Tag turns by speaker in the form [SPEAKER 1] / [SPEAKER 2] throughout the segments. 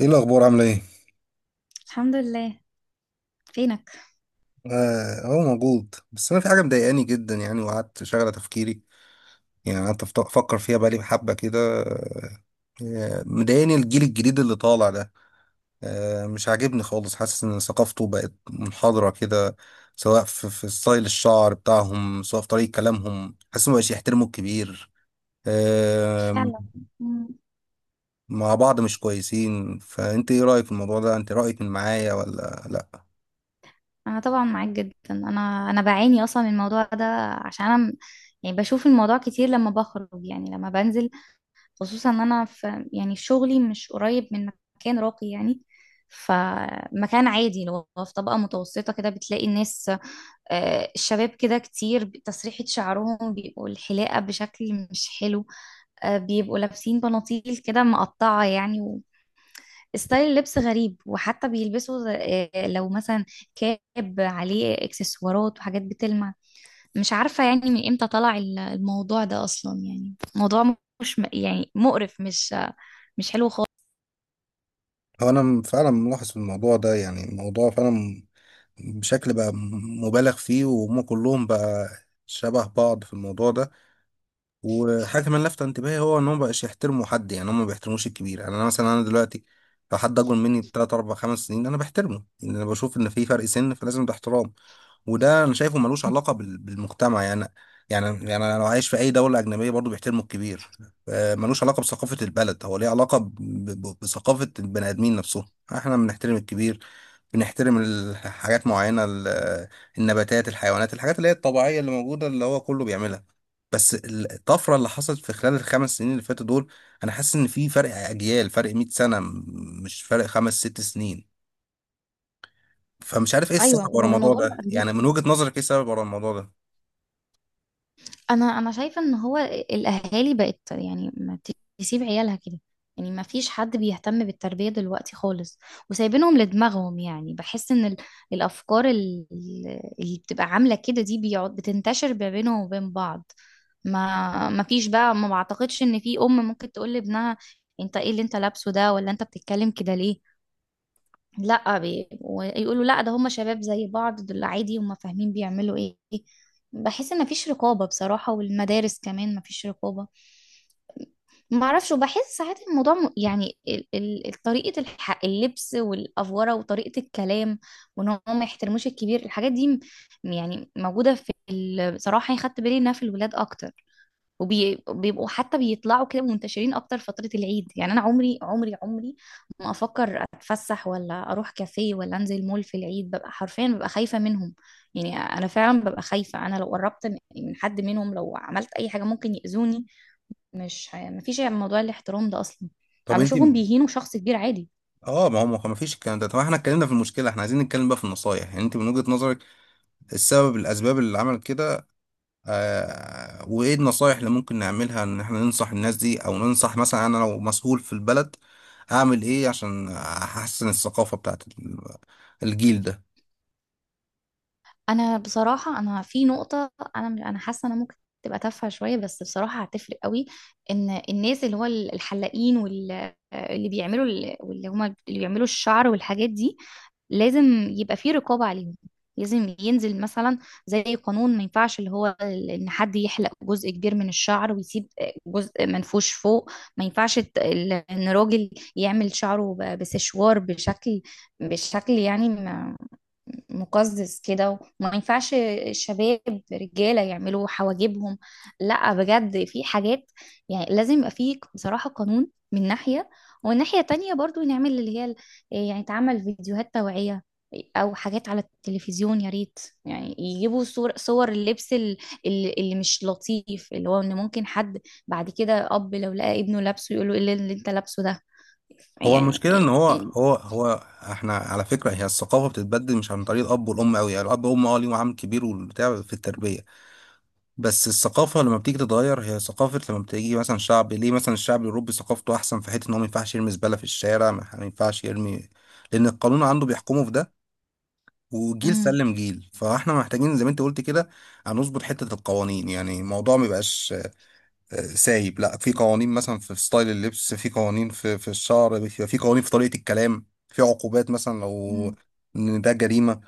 [SPEAKER 1] ايه الاخبار عامله ايه؟
[SPEAKER 2] الحمد لله. فينك؟
[SPEAKER 1] هو موجود، بس انا في حاجه مضايقاني جدا يعني، وقعدت شغله تفكيري. يعني افكر فيها بقالي حبه كده. مضايقاني الجيل الجديد اللي طالع ده. مش عاجبني خالص، حاسس ان ثقافته بقت منحضره كده. سواء في ستايل الشعر بتاعهم، سواء في طريقه كلامهم، حاسس ما بقاش يحترموا الكبير آه،
[SPEAKER 2] فعلا. مم.
[SPEAKER 1] مع بعض، مش كويسين. فانت ايه رايك في الموضوع ده؟ انت رايك من معايا ولا لا؟
[SPEAKER 2] انا طبعا معاك جدا. انا بعاني اصلا من الموضوع ده عشان انا يعني بشوف الموضوع كتير لما بخرج، يعني لما بنزل، خصوصا ان انا في يعني شغلي مش قريب من مكان راقي يعني. فمكان عادي لو في طبقة متوسطة كده بتلاقي الناس، الشباب كده كتير تسريحة شعرهم بيبقوا الحلاقة بشكل مش حلو، بيبقوا لابسين بناطيل كده مقطعة يعني. ستايل اللبس غريب، وحتى بيلبسوا لو مثلا كاب عليه اكسسوارات وحاجات بتلمع. مش عارفة يعني من امتى طلع الموضوع ده اصلا، يعني موضوع مش م- يعني مقرف، مش حلو خالص.
[SPEAKER 1] هو انا فعلا ملاحظ في الموضوع ده، يعني الموضوع فعلا بشكل بقى مبالغ فيه، وهم كلهم بقى شبه بعض في الموضوع ده. وحاجة كمان لافتة انتباهي، هو ان هم مبقاش يحترموا حد. يعني هم ما بيحترموش الكبير. يعني انا مثلا، انا دلوقتي لو حد اكبر مني بتلات اربع خمس سنين، انا بحترمه، لان انا بشوف ان في فرق سن، فلازم ده احترام. وده انا شايفه ملوش علاقة بالمجتمع يعني. يعني انا لو عايش في اي دولة اجنبية برضو بيحترموا الكبير. ملوش علاقة بثقافة البلد، هو ليه علاقة بثقافة البني ادمين نفسهم. احنا بنحترم الكبير، بنحترم حاجات معينة، النباتات، الحيوانات، الحاجات اللي هي الطبيعية اللي موجودة اللي هو كله بيعملها. بس الطفرة اللي حصلت في خلال الخمس سنين اللي فاتوا دول، أنا حاسس إن في فرق أجيال، فرق 100 سنة، مش فرق خمس ست سنين. فمش عارف إيه
[SPEAKER 2] ايوه،
[SPEAKER 1] السبب ورا الموضوع
[SPEAKER 2] والموضوع بقى
[SPEAKER 1] ده.
[SPEAKER 2] غريب.
[SPEAKER 1] يعني من وجهة نظرك إيه السبب ورا الموضوع ده؟
[SPEAKER 2] انا شايفه ان هو الاهالي بقت يعني ما تسيب عيالها كده. يعني ما فيش حد بيهتم بالتربيه دلوقتي خالص، وسايبينهم لدماغهم. يعني بحس ان الافكار اللي بتبقى عامله كده دي بيقعد بتنتشر ما بينهم وبين بعض. ما فيش بقى، ما بعتقدش ان في ام ممكن تقول لابنها: انت ايه اللي انت لابسه ده؟ ولا انت بتتكلم كده ليه؟ لا ويقولوا: لا، ده هم شباب زي بعض، دول عادي هم فاهمين بيعملوا ايه. بحس ان مفيش رقابة بصراحة، والمدارس كمان مفيش رقابة. ما اعرفش، وبحس ساعات الموضوع يعني طريقة اللبس والأفورة وطريقة الكلام، وان هم ما يحترموش الكبير. الحاجات دي يعني موجودة في ال... بصراحة يعني خدت بالي انها في الولاد اكتر، وبيبقوا حتى بيطلعوا كده منتشرين اكتر فترة العيد. يعني انا عمري ما افكر اتفسح ولا اروح كافيه ولا انزل مول في العيد. ببقى حرفيا ببقى خايفة منهم. يعني انا فعلا ببقى خايفة، انا لو قربت من حد منهم لو عملت اي حاجة ممكن يأذوني. مش ه- مفيش موضوع الاحترام ده اصلا. انا
[SPEAKER 1] طب أنت،
[SPEAKER 2] بشوفهم بيهينوا شخص كبير عادي.
[SPEAKER 1] اه ما هو ما فيش الكلام ده. طب احنا اتكلمنا في المشكله، احنا عايزين نتكلم بقى في النصايح. يعني انت من وجهة نظرك السبب، الاسباب اللي عملت كده، وايه النصايح اللي ممكن نعملها ان احنا ننصح الناس دي، او ننصح مثلا، انا لو مسؤول في البلد اعمل ايه عشان احسن الثقافة بتاعت الجيل ده؟
[SPEAKER 2] انا بصراحه انا في نقطه، انا حاسه انا ممكن تبقى تافهه شويه، بس بصراحه هتفرق قوي. ان الناس اللي هو الحلاقين واللي بيعملوا واللي هما اللي بيعملوا الشعر والحاجات دي لازم يبقى في رقابه عليهم. لازم ينزل مثلا زي قانون، ما ينفعش اللي هو ان حد يحلق جزء كبير من الشعر ويسيب جزء منفوش فوق. ما ينفعش ان راجل يعمل شعره بسشوار بشكل، بشكل يعني مقزز كده. وما ينفعش شباب رجالة يعملوا حواجبهم. لا بجد، في حاجات يعني لازم يبقى فيه بصراحة قانون من ناحية. ومن ناحية تانية برضو نعمل اللي هي إيه، يعني تعمل فيديوهات توعية أو حاجات على التلفزيون يا ريت. يعني يجيبوا صور اللبس اللي مش لطيف، اللي هو إن ممكن حد بعد كده أب لو لقى ابنه لابسه يقول له: إيه اللي أنت لابسه ده؟
[SPEAKER 1] هو
[SPEAKER 2] يعني
[SPEAKER 1] المشكلة ان هو
[SPEAKER 2] إيه-
[SPEAKER 1] هو هو احنا على فكرة، هي الثقافة بتتبدل مش عن طريق الاب والام قوي. يعني الاب والام اه ليهم عامل كبير والبتاع في التربية، بس الثقافة لما بتيجي تتغير، هي ثقافة لما بتيجي مثلا شعب، ليه مثلا الشعب الاوروبي ثقافته احسن في حتة ان هو ما ينفعش يرمي زبالة في الشارع، ما ينفعش يرمي، لان القانون عنده بيحكمه في ده. وجيل
[SPEAKER 2] مم.
[SPEAKER 1] سلم جيل، فاحنا محتاجين زي ما انت قلت كده هنظبط حتة القوانين. يعني الموضوع ما يبقاش سايب، لا، في قوانين مثلا في ستايل اللبس، في قوانين في الشعر، بيبقى في قوانين في طريقة الكلام، في عقوبات مثلا لو
[SPEAKER 2] مم.
[SPEAKER 1] ان ده جريمة.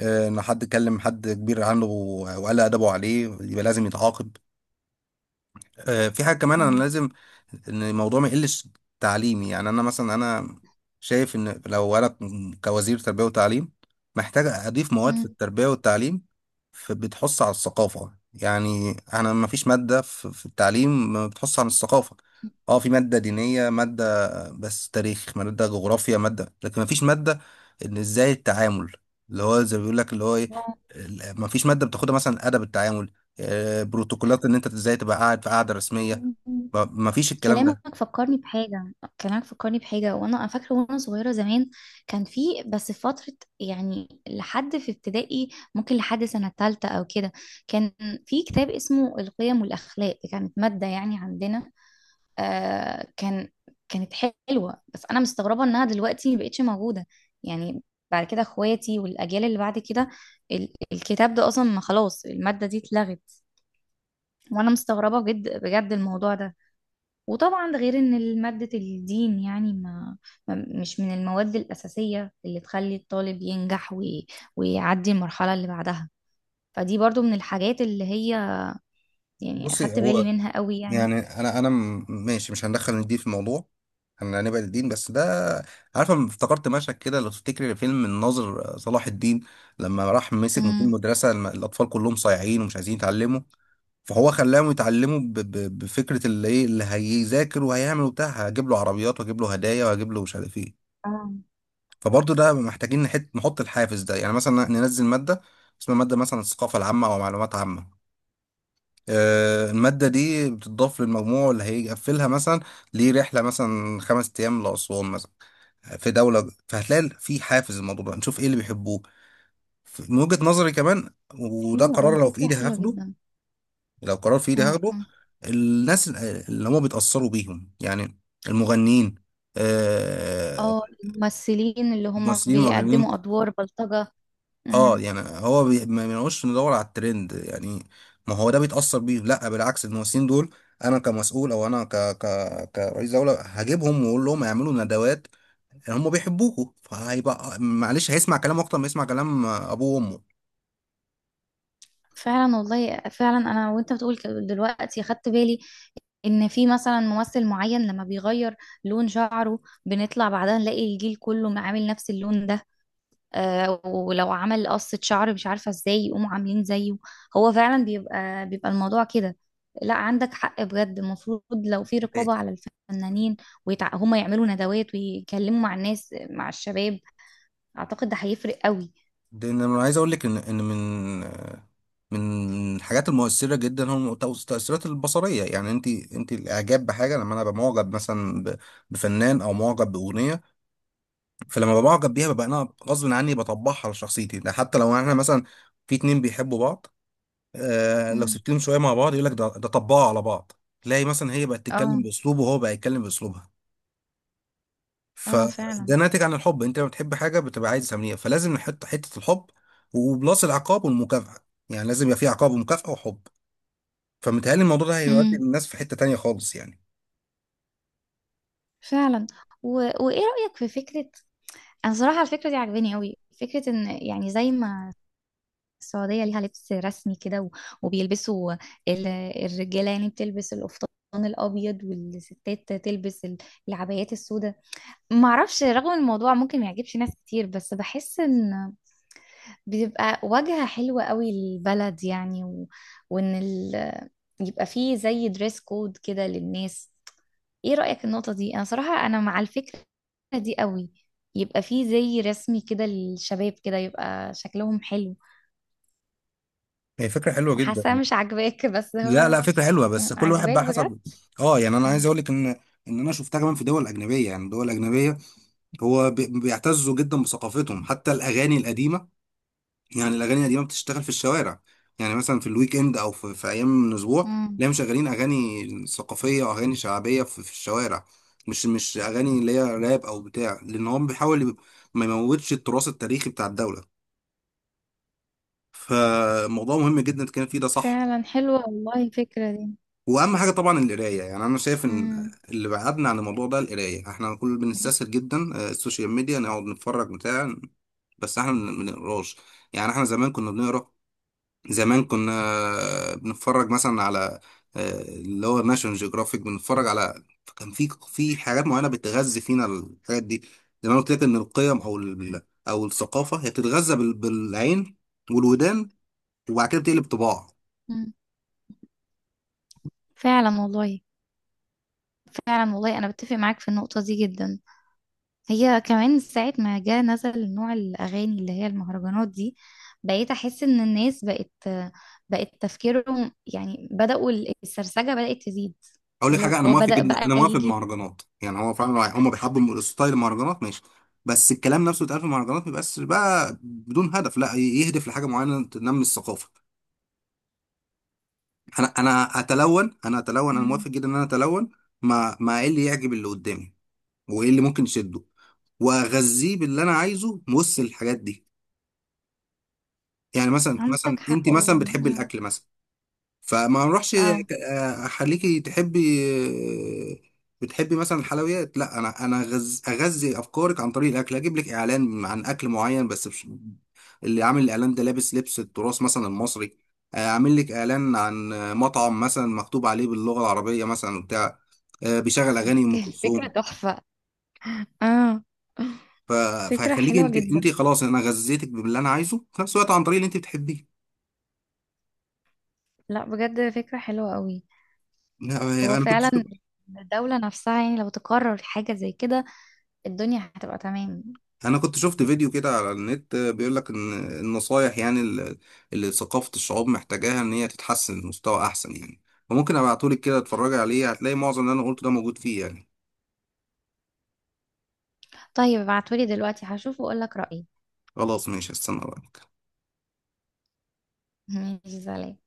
[SPEAKER 1] ان حد كلم حد كبير عنه وقال ادبه عليه، يبقى لازم يتعاقب. في حاجة كمان أنا لازم إن الموضوع ما يقلش تعليمي. يعني أنا مثلا، أنا شايف إن لو أنا كوزير تربية وتعليم، محتاج أضيف مواد في
[SPEAKER 2] مم.
[SPEAKER 1] التربية والتعليم بتحث على الثقافة. يعني أنا ما فيش مادة في التعليم ما بتحث عن الثقافة. أه، في مادة دينية، مادة بس تاريخ، مادة جغرافيا، مادة، لكن ما فيش مادة إن إزاي التعامل، اللي هو زي ما بيقول لك اللي هو إيه، ما فيش مادة بتاخدها مثلا أدب التعامل. بروتوكولات ان انت ازاي تبقى قاعد في قاعده رسميه.
[SPEAKER 2] مم.
[SPEAKER 1] ما ما فيش الكلام ده.
[SPEAKER 2] كلامك فكرني بحاجة. كلامك فكرني بحاجة، وانا أنا فاكرة وانا صغيرة زمان كان في، بس في فترة يعني لحد في ابتدائي، ممكن لحد سنة تالتة او كده. كان في كتاب اسمه القيم والاخلاق، دي كانت مادة يعني عندنا. آه كان، كانت حلوة، بس انا مستغربة انها دلوقتي مبقتش موجودة. يعني بعد كده اخواتي والاجيال اللي بعد كده الكتاب ده اصلا ما خلاص، المادة دي اتلغت. وانا مستغربة جد بجد الموضوع ده. وطبعا ده غير ان مادة الدين يعني مش من المواد الأساسية اللي تخلي الطالب ينجح ويعدي المرحلة اللي بعدها. فدي برضو من الحاجات اللي هي يعني
[SPEAKER 1] بصي،
[SPEAKER 2] أخدت بالي
[SPEAKER 1] هو
[SPEAKER 2] منها قوي يعني.
[SPEAKER 1] يعني انا ماشي، مش هندخل الدين في الموضوع، احنا هنبعد الدين، بس ده، عارفه، أنا افتكرت مشهد كده لو تفتكري، فيلم الناظر، صلاح الدين لما راح مسك مدير
[SPEAKER 2] امم.
[SPEAKER 1] مدرسه، الاطفال كلهم صايعين ومش عايزين يتعلموا، فهو خلاهم يتعلموا بفكره اللي ايه اللي هيذاكر وهيعمل وبتاع، هجيب له عربيات واجيب له هدايا واجيب له مش عارف ايه.
[SPEAKER 2] اه.
[SPEAKER 1] فبرضه ده محتاجين نحط الحافز ده. يعني مثلا ننزل مادة اسمها مادة مثلا الثقافة العامة أو معلومات عامة، المادة دي بتضاف للمجموع اللي هيقفلها مثلا ليه رحلة مثلا خمس أيام لأسوان مثلا في دولة، فهتلاقي في حافز. الموضوع ده نشوف إيه اللي بيحبوه، من وجهة نظري كمان، وده
[SPEAKER 2] حلوة
[SPEAKER 1] قرار
[SPEAKER 2] أوي،
[SPEAKER 1] لو في
[SPEAKER 2] فكرة
[SPEAKER 1] إيدي
[SPEAKER 2] حلوة
[SPEAKER 1] هاخده.
[SPEAKER 2] جدا.
[SPEAKER 1] لو قرار في إيدي هاخده،
[SPEAKER 2] امم.
[SPEAKER 1] الناس اللي هم بيتأثروا بيهم يعني المغنيين، آه،
[SPEAKER 2] اه الممثلين اللي هم
[SPEAKER 1] ممثلين ومغنيين.
[SPEAKER 2] بيقدموا أدوار بلطجة.
[SPEAKER 1] اه
[SPEAKER 2] امم.
[SPEAKER 1] يعني هو ما بنقولش ندور على الترند يعني، ما هو ده بيتأثر بيه. لا بالعكس، الممثلين دول انا كمسؤول او انا كرئيس دولة هجيبهم واقول لهم يعملوا ندوات. هم بيحبوكوا، فهيبقى معلش هيسمع كلام اكتر ما يسمع كلام ابوه وامه.
[SPEAKER 2] فعلا والله، فعلا انا وانت بتقول كده دلوقتي خدت بالي ان في مثلا ممثل معين لما بيغير لون شعره بنطلع بعدها نلاقي الجيل كله عامل نفس اللون ده. آه ولو عمل قصة شعر مش عارفة ازاي يقوموا عاملين زيه. هو فعلا بيبقى الموضوع كده. لا، عندك حق بجد، المفروض لو في
[SPEAKER 1] ده
[SPEAKER 2] رقابة على الفنانين هما يعملوا ندوات ويتكلموا مع الناس مع الشباب. اعتقد ده هيفرق قوي.
[SPEAKER 1] انا عايز اقول لك ان ان من الحاجات المؤثرة جدا هو التأثيرات البصرية. يعني انت الاعجاب بحاجة، لما انا ببقى معجب مثلا بفنان او معجب بأغنية، فلما ببقى معجب بيها ببقى انا غصب عني بطبعها على شخصيتي. ده حتى لو احنا مثلا في اتنين بيحبوا بعض، آه لو
[SPEAKER 2] مم.
[SPEAKER 1] سبت لهم شويه مع بعض يقول لك ده طبعوا على بعض، تلاقي مثلا هي بقت تتكلم
[SPEAKER 2] اه.
[SPEAKER 1] باسلوبه وهو بقى يتكلم باسلوبها.
[SPEAKER 2] اه فعلا.
[SPEAKER 1] فده ناتج عن الحب. انت لما بتحب حاجه بتبقى عايز تعمليها، فلازم نحط حته الحب وبلاس العقاب والمكافاه. يعني لازم يبقى في عقاب ومكافاه وحب. فمتهيألي الموضوع ده هيودي
[SPEAKER 2] امم.
[SPEAKER 1] الناس في حته تانيه خالص يعني.
[SPEAKER 2] فعلا. و... وايه رأيك في فكرة؟ انا صراحه على الفكره دي عجباني قوي، فكره ان يعني زي ما السعوديه ليها لبس رسمي كده وبيلبسوا ال- الرجاله يعني بتلبس القفطان الابيض، والستات تلبس العبايات السوداء. ما اعرفش، رغم الموضوع ممكن ما يعجبش ناس كتير، بس بحس ان بتبقى واجهه حلوه قوي للبلد يعني. وان ال... يبقى فيه زي دريس كود كده للناس. ايه رأيك في النقطة دي؟ انا صراحة انا مع الفكرة دي قوي. يبقى فيه زي رسمي كده للشباب كده يبقى شكلهم حلو.
[SPEAKER 1] هي فكره حلوه جدا.
[SPEAKER 2] حاسة مش عاجباك، بس
[SPEAKER 1] لا
[SPEAKER 2] هو...
[SPEAKER 1] لا فكرة حلوة،
[SPEAKER 2] مم،
[SPEAKER 1] بس كل واحد
[SPEAKER 2] عاجباك
[SPEAKER 1] بقى
[SPEAKER 2] بجد؟
[SPEAKER 1] حسب. اه يعني انا عايز
[SPEAKER 2] مم.
[SPEAKER 1] اقول لك ان ان انا شفتها كمان في دول اجنبية. يعني دول اجنبية هو بيعتزوا جدا بثقافتهم، حتى الاغاني القديمة. يعني الاغاني القديمة بتشتغل في الشوارع. يعني مثلا في الويك اند او في ايام من الاسبوع،
[SPEAKER 2] مم.
[SPEAKER 1] تلاقيهم مشغلين اغاني ثقافية واغاني شعبية في الشوارع. مش اغاني اللي هي راب او بتاع، لان هو بيحاول ما يموتش التراث التاريخي بتاع الدولة. فموضوع مهم جدا كان فيه ده، صح.
[SPEAKER 2] فعلا، حلوة والله الفكرة دي.
[SPEAKER 1] واهم حاجه طبعا القرايه. يعني انا شايف ان
[SPEAKER 2] مم.
[SPEAKER 1] اللي بعدنا عن الموضوع ده القرايه. احنا كل بنستسهل جدا، السوشيال ميديا نقعد نتفرج بتاع، بس احنا ما بنقراش. يعني احنا زمان كنا بنقرا، زمان كنا بنتفرج مثلا على، اللي هو ناشونال جيوغرافيك، بنتفرج على، كان في حاجات معينه بتغذي فينا الحاجات دي. زي ما أنا قلت لك ان القيم او او الثقافه هي بتتغذى بالعين والودان، وبعد كده بتقلب طباع.
[SPEAKER 2] مم. فعلا والله. فعلا والله انا بتفق معاك في النقطة دي جدا. هي كمان ساعة ما جه نزل نوع الأغاني اللي هي المهرجانات دي بقيت أحس إن الناس بقت، تفكيرهم يعني بدأوا، السرسجة بدأت تزيد.
[SPEAKER 1] اقول لك
[SPEAKER 2] لو
[SPEAKER 1] حاجه، انا
[SPEAKER 2] هو
[SPEAKER 1] موافق
[SPEAKER 2] بدأ
[SPEAKER 1] جدا،
[SPEAKER 2] بقى
[SPEAKER 1] انا موافق
[SPEAKER 2] يجي.
[SPEAKER 1] بالمهرجانات. يعني هو فعلا هم بيحبوا ستايل المهرجانات، ماشي، بس الكلام نفسه اتقال، في المهرجانات ما يبقاش بقى بدون هدف، لا، يهدف لحاجه معينه تنمي الثقافه. انا
[SPEAKER 2] مم.
[SPEAKER 1] موافق جدا ان انا اتلون. ما ايه اللي يعجب اللي قدامي وايه اللي ممكن يشده، واغذيه باللي انا عايزه وسط الحاجات دي. يعني مثلا
[SPEAKER 2] عندك
[SPEAKER 1] انت
[SPEAKER 2] حق
[SPEAKER 1] مثلا
[SPEAKER 2] والله.
[SPEAKER 1] بتحبي
[SPEAKER 2] مم.
[SPEAKER 1] الاكل مثلا، فما نروحش
[SPEAKER 2] اه.
[SPEAKER 1] اخليكي تحبي، آه، بتحبي مثلا الحلويات، لا انا اغذي افكارك عن طريق الاكل، اجيب لك اعلان عن اكل معين، بس مش، اللي عامل الاعلان ده لابس لبس التراث مثلا المصري. اعمل لك اعلان عن مطعم مثلا مكتوب عليه باللغه العربيه مثلا بتاع، بيشغل اغاني ام
[SPEAKER 2] هنتكلم. فكرة
[SPEAKER 1] كلثوم.
[SPEAKER 2] تحفة. اه،
[SPEAKER 1] ف...
[SPEAKER 2] فكرة
[SPEAKER 1] فهيخليك
[SPEAKER 2] حلوة
[SPEAKER 1] انت
[SPEAKER 2] جدا.
[SPEAKER 1] انت خلاص، انا غذيتك باللي انا عايزه في نفس الوقت عن طريق اللي انت بتحبيه.
[SPEAKER 2] لا بجد فكرة حلوة قوي.
[SPEAKER 1] آه،
[SPEAKER 2] هو
[SPEAKER 1] انا كنت
[SPEAKER 2] فعلا الدولة نفسها يعني لو تقرر حاجة زي كده الدنيا هتبقى تمام.
[SPEAKER 1] انا كنت شفت فيديو كده على النت بيقول لك ان النصايح يعني اللي ثقافة الشعوب محتاجاها ان هي تتحسن لمستوى احسن يعني. فممكن ابعتهولك كده اتفرجي عليه، هتلاقي معظم اللي انا قلته ده موجود فيه يعني.
[SPEAKER 2] طيب ابعتولي دلوقتي هشوف وأقولك رأيي.
[SPEAKER 1] خلاص ماشي، هستنى بقى.
[SPEAKER 2] ماشي، سلام.